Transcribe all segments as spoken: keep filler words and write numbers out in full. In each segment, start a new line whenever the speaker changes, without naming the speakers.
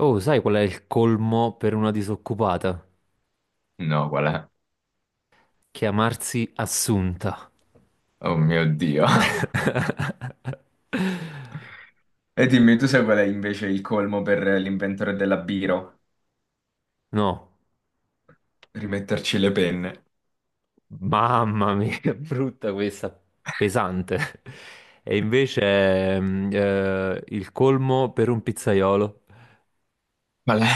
Oh, sai qual è il colmo per una disoccupata?
No, qual è?
Chiamarsi Assunta.
Oh mio Dio. E dimmi tu se qual è invece il colmo per l'inventore della Biro?
No,
Rimetterci le penne.
mamma mia, che brutta questa, pesante. E invece ehm, eh, il colmo per un pizzaiolo,
Qual è?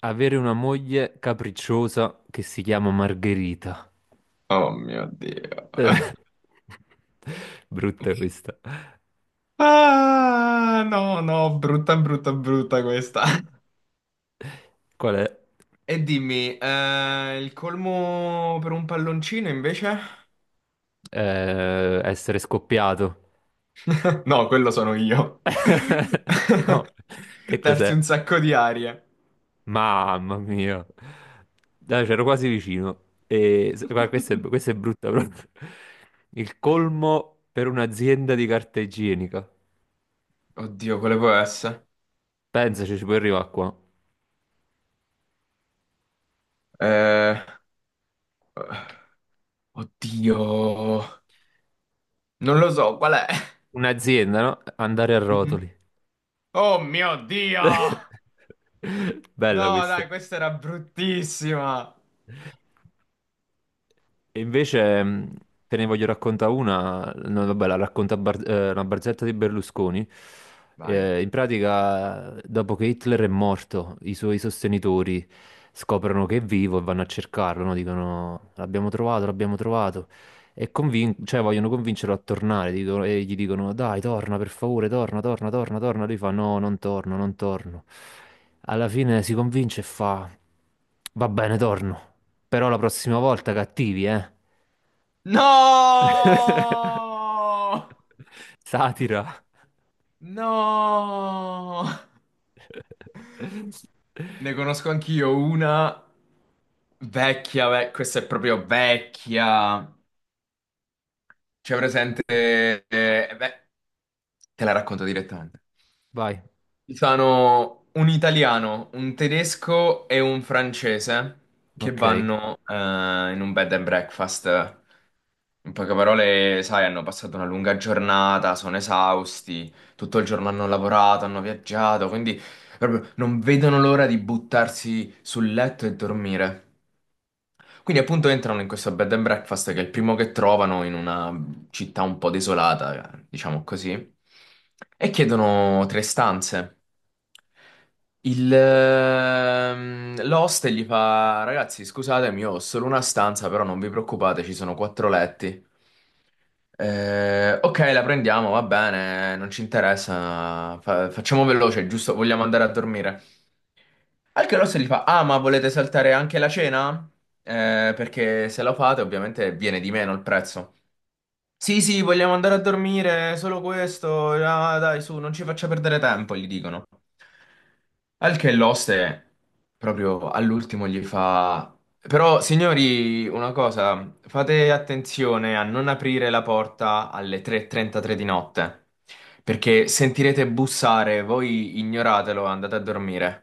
avere una moglie capricciosa che si chiama Margherita.
Oh mio Dio.
Brutta questa.
Ah, no, no, brutta, brutta, brutta questa.
Qual è?
E dimmi, eh, il colmo per un palloncino invece?
Eh, essere scoppiato.
No, quello sono io.
No, che
Darsi
cos'è?
un sacco di aria.
Mamma mia, dai, c'ero quasi vicino. E, se- guarda, questa è, questa è brutta proprio. Il colmo per un'azienda di carta igienica.
Oddio, quale può essere?
Pensaci, ci puoi arrivare qua.
Eh, Oddio. Non lo so, qual è?
Un'azienda, no? Andare a
Mhm.
rotoli.
Oh mio Dio!
Bella
No,
questa.
dai, questa era bruttissima.
E invece mh, te ne voglio raccontare una, no, vabbè, la racconta Bar- eh, una barzelletta di Berlusconi.
Vai.
Eh, in pratica, dopo che Hitler è morto, i suoi sostenitori scoprono che è vivo e vanno a cercarlo, no? Dicono l'abbiamo trovato, l'abbiamo trovato. E convin- cioè, vogliono convincerlo a tornare, dicono- e gli dicono dai, torna per favore, torna, torna, torna, torna. Lui fa no, non torno, non torno, alla fine si convince e fa: Va bene, torno. Però la prossima volta cattivi, eh?
No!
Satira.
No! Ne conosco anch'io una vecchia, ve- questa è proprio vecchia. C'è presente, eh, eh, beh, te la racconto direttamente.
Vai,
Sono un italiano, un tedesco e un francese che
ok.
vanno eh, in un bed and breakfast. In poche parole, sai, hanno passato una lunga giornata, sono esausti, tutto il giorno hanno lavorato, hanno viaggiato, quindi proprio non vedono l'ora di buttarsi sul letto e dormire. Quindi appunto entrano in questo bed and breakfast che è il primo che trovano in una città un po' desolata, eh, diciamo così, e chiedono tre stanze. Il, ehm, l'host gli fa: Ragazzi, scusatemi, io ho solo una stanza, però non vi preoccupate, ci sono quattro letti. Eh, ok, la prendiamo, va bene, non ci interessa. fa- facciamo veloce, giusto? Vogliamo andare a dormire. Al che l'host gli fa: Ah, ma volete saltare anche la cena? Eh, perché se lo fate, ovviamente viene di meno il prezzo. Sì, sì, vogliamo andare a dormire, solo questo. Ah, dai, su, non ci faccia perdere tempo, gli dicono. Al che l'oste proprio all'ultimo gli fa: Però, signori, una cosa, fate attenzione a non aprire la porta alle tre e trentatré di notte, perché sentirete bussare, voi ignoratelo, andate a dormire.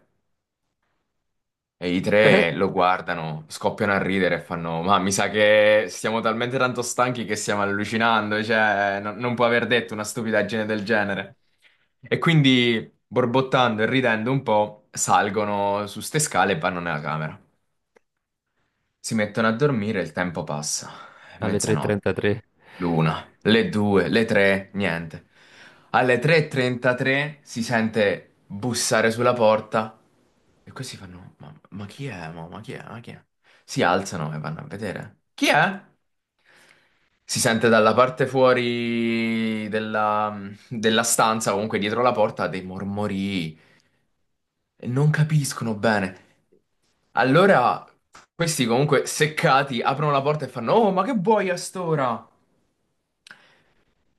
E i
Eh?
tre lo guardano, scoppiano a ridere e fanno: Ma mi sa che siamo talmente tanto stanchi che stiamo allucinando, cioè, no- non può aver detto una stupidaggine del genere. E quindi, borbottando e ridendo un po', salgono su ste scale e vanno nella camera. Si mettono a dormire e il tempo passa.
Alle
Mezzanotte,
tre e trentatré.
l'una, le due, le tre, niente. Alle tre e trentatré si sente bussare sulla porta e questi fanno: Ma, ma chi è? Mo? Ma, chi è? Ma chi è? Si alzano e vanno a vedere. Chi è? Si sente dalla parte fuori della, della stanza, comunque dietro la porta, dei mormorii. E non capiscono bene. Allora, questi comunque seccati aprono la porta e fanno: Oh, ma che vuoi a st'ora?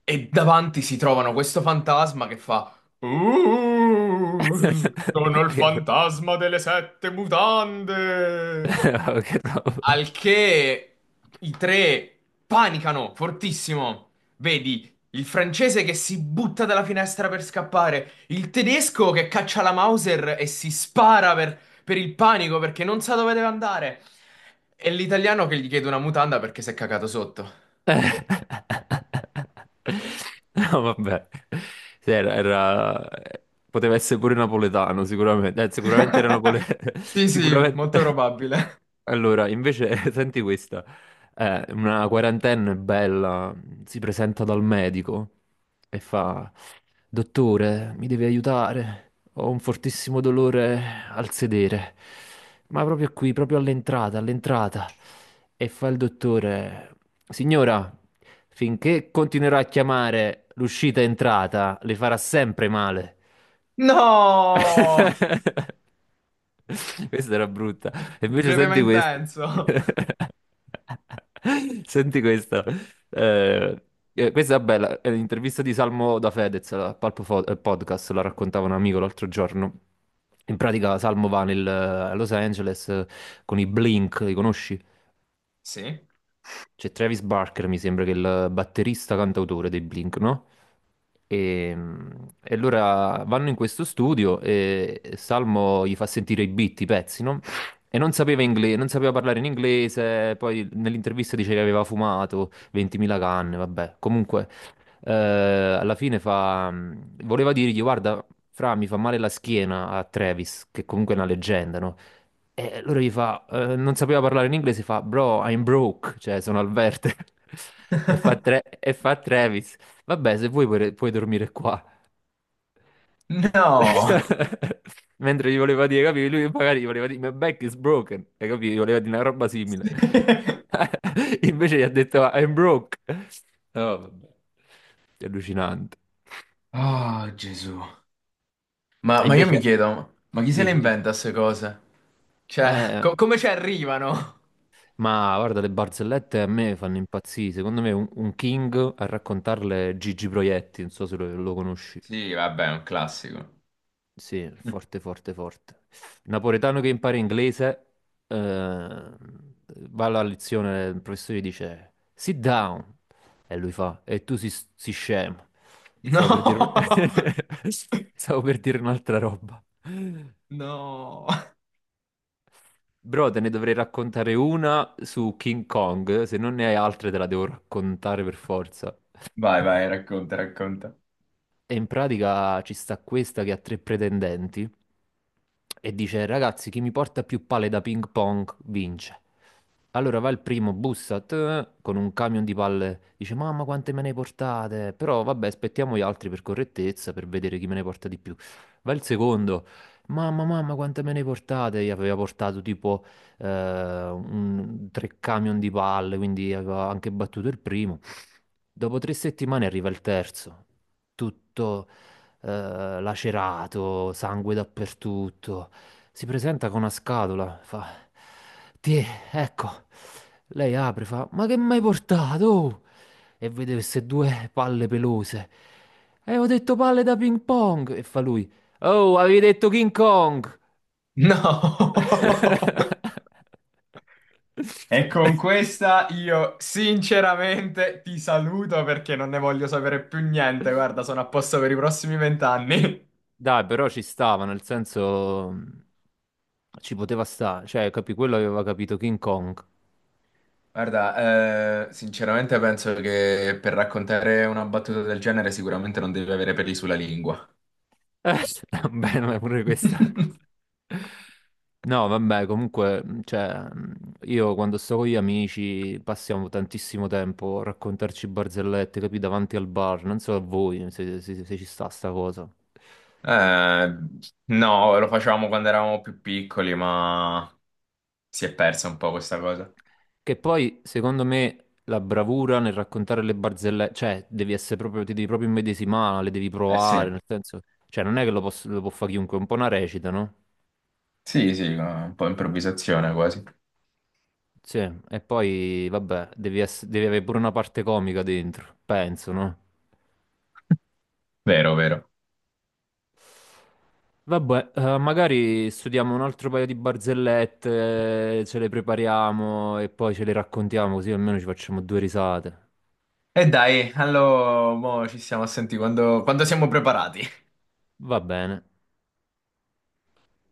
E davanti si trovano questo fantasma che fa: "Uh, sono il
Che ro-
fantasma delle sette mutande.
che roba.
Al che i tre panicano fortissimo. Vedi il francese che si butta dalla finestra per scappare, il tedesco che caccia la Mauser e si spara per, per il panico perché non sa dove deve andare, e l'italiano che gli chiede una mutanda perché si è cagato sotto.
No, vabbè. Sì, era, era- poteva essere pure napoletano, sicuramente. Eh, sicuramente era napoletano.
Sì, sì,
Sicuramente.
molto probabile.
Allora, invece, senti questa. Eh, una quarantenne bella si presenta dal medico e fa: Dottore, mi devi aiutare. Ho un fortissimo dolore al sedere. Ma proprio qui, proprio all'entrata, all'entrata. E fa il dottore, signora, finché continuerà a chiamare l'uscita e entrata, le farà sempre male.
No!
Questa era brutta. E invece
Breve ma
senti questa.
intenso.
Senti questa. Eh, eh, Questa è bella. È l'intervista di Salmo da Fedez al Palpo Fo- eh, Podcast, la raccontava un amico l'altro giorno. In pratica Salmo va nel- eh, a Los Angeles, eh, con i Blink, li conosci?
Sì?
C'è Travis Barker, mi sembra che è il batterista cantautore dei Blink, no? E, e allora vanno in questo studio e Salmo gli fa sentire i beat, i pezzi, no? E non sapeva ingle- non sapeva parlare in inglese, poi nell'intervista dice che aveva fumato ventimila canne, vabbè. Comunque, eh, alla fine fa... mm, voleva dirgli, guarda, Fra, mi fa male la schiena a Travis, che comunque è una leggenda, no? E loro gli fa, eh, non sapeva parlare in inglese, fa, bro, I'm broke, cioè sono al verde. E fa, tre- e fa Travis, vabbè, se vuoi puoi, puoi dormire qua.
No!
Mentre gli voleva dire, capi, lui magari gli voleva dire, my back is broken, e capi, gli voleva dire una roba simile. Invece gli ha detto, I'm broke. Oh, vabbè. È allucinante.
Oh, Gesù. Ma,
E
ma io mi
invece,
chiedo, ma chi se le
dici, dici,
inventa queste cose? Cioè,
eh...
co- come ci arrivano?
ma guarda, le barzellette a me fanno impazzire. Secondo me un, un King a raccontarle è Gigi Proietti, non so se lo, lo conosci.
Sì, vabbè, è un classico.
Sì, forte, forte, forte. Napoletano che impara inglese, eh, va alla lezione, il professore gli dice sit down, e lui fa, e tu si, si scemo.
No,
Stavo per dire, un- stavo per dire un'altra roba.
no,
Bro, te ne dovrei raccontare una su King Kong, se non ne hai altre te la devo raccontare per forza.
vai, vai, racconta, racconta.
E in pratica ci sta questa che ha tre pretendenti e dice: Ragazzi, chi mi porta più palle da ping pong vince. Allora va il primo, bussa tè, con un camion di palle, dice: Mamma, quante me ne portate? Però vabbè, aspettiamo gli altri per correttezza, per vedere chi me ne porta di più. Va il secondo, mamma, mamma, quante me ne portate? Gli aveva portato tipo eh, un- tre camion di palle, quindi aveva anche battuto il primo. Dopo tre settimane arriva il terzo, tutto eh, lacerato, sangue dappertutto. Si presenta con una scatola, fa: Ti, ecco. Lei apre, fa: Ma che mi hai portato? Oh? E vede queste due palle pelose. E ho detto palle da ping pong. E fa lui: Oh, avevi detto King Kong!
No. E con questa io sinceramente ti saluto perché non ne voglio sapere più niente. Guarda, sono a posto per i prossimi vent'anni.
Dai, però ci stava, nel senso mh, ci poteva stare, cioè, capi, quello aveva capito King Kong.
Guarda, eh, sinceramente penso che per raccontare una battuta del genere sicuramente non devi avere peli sulla lingua.
Eh, vabbè, ma pure questa. No, vabbè, comunque, mh, cioè, mh, io quando sto con gli amici passiamo tantissimo tempo a raccontarci barzellette, capi, davanti al bar, non so a voi se, se- se ci sta sta cosa.
Eh, no, lo facevamo quando eravamo più piccoli, ma si è persa un po' questa cosa.
Che poi, secondo me, la bravura nel raccontare le barzellette, cioè, devi essere proprio, ti devi proprio immedesimare, le devi
Eh sì,
provare, nel senso, cioè, non è che lo, poss- lo può fare chiunque, è un po' una recita, no?
sì, sì, un po' improvvisazione quasi.
Sì, e poi, vabbè, devi, ess- devi avere pure una parte comica dentro, penso, no?
Vero, vero.
Vabbè, eh, magari studiamo un altro paio di barzellette, eh, ce le prepariamo e poi ce le raccontiamo, così almeno ci facciamo due risate.
E dai, allora mo ci stiamo a sentire quando, quando siamo preparati.
Va bene.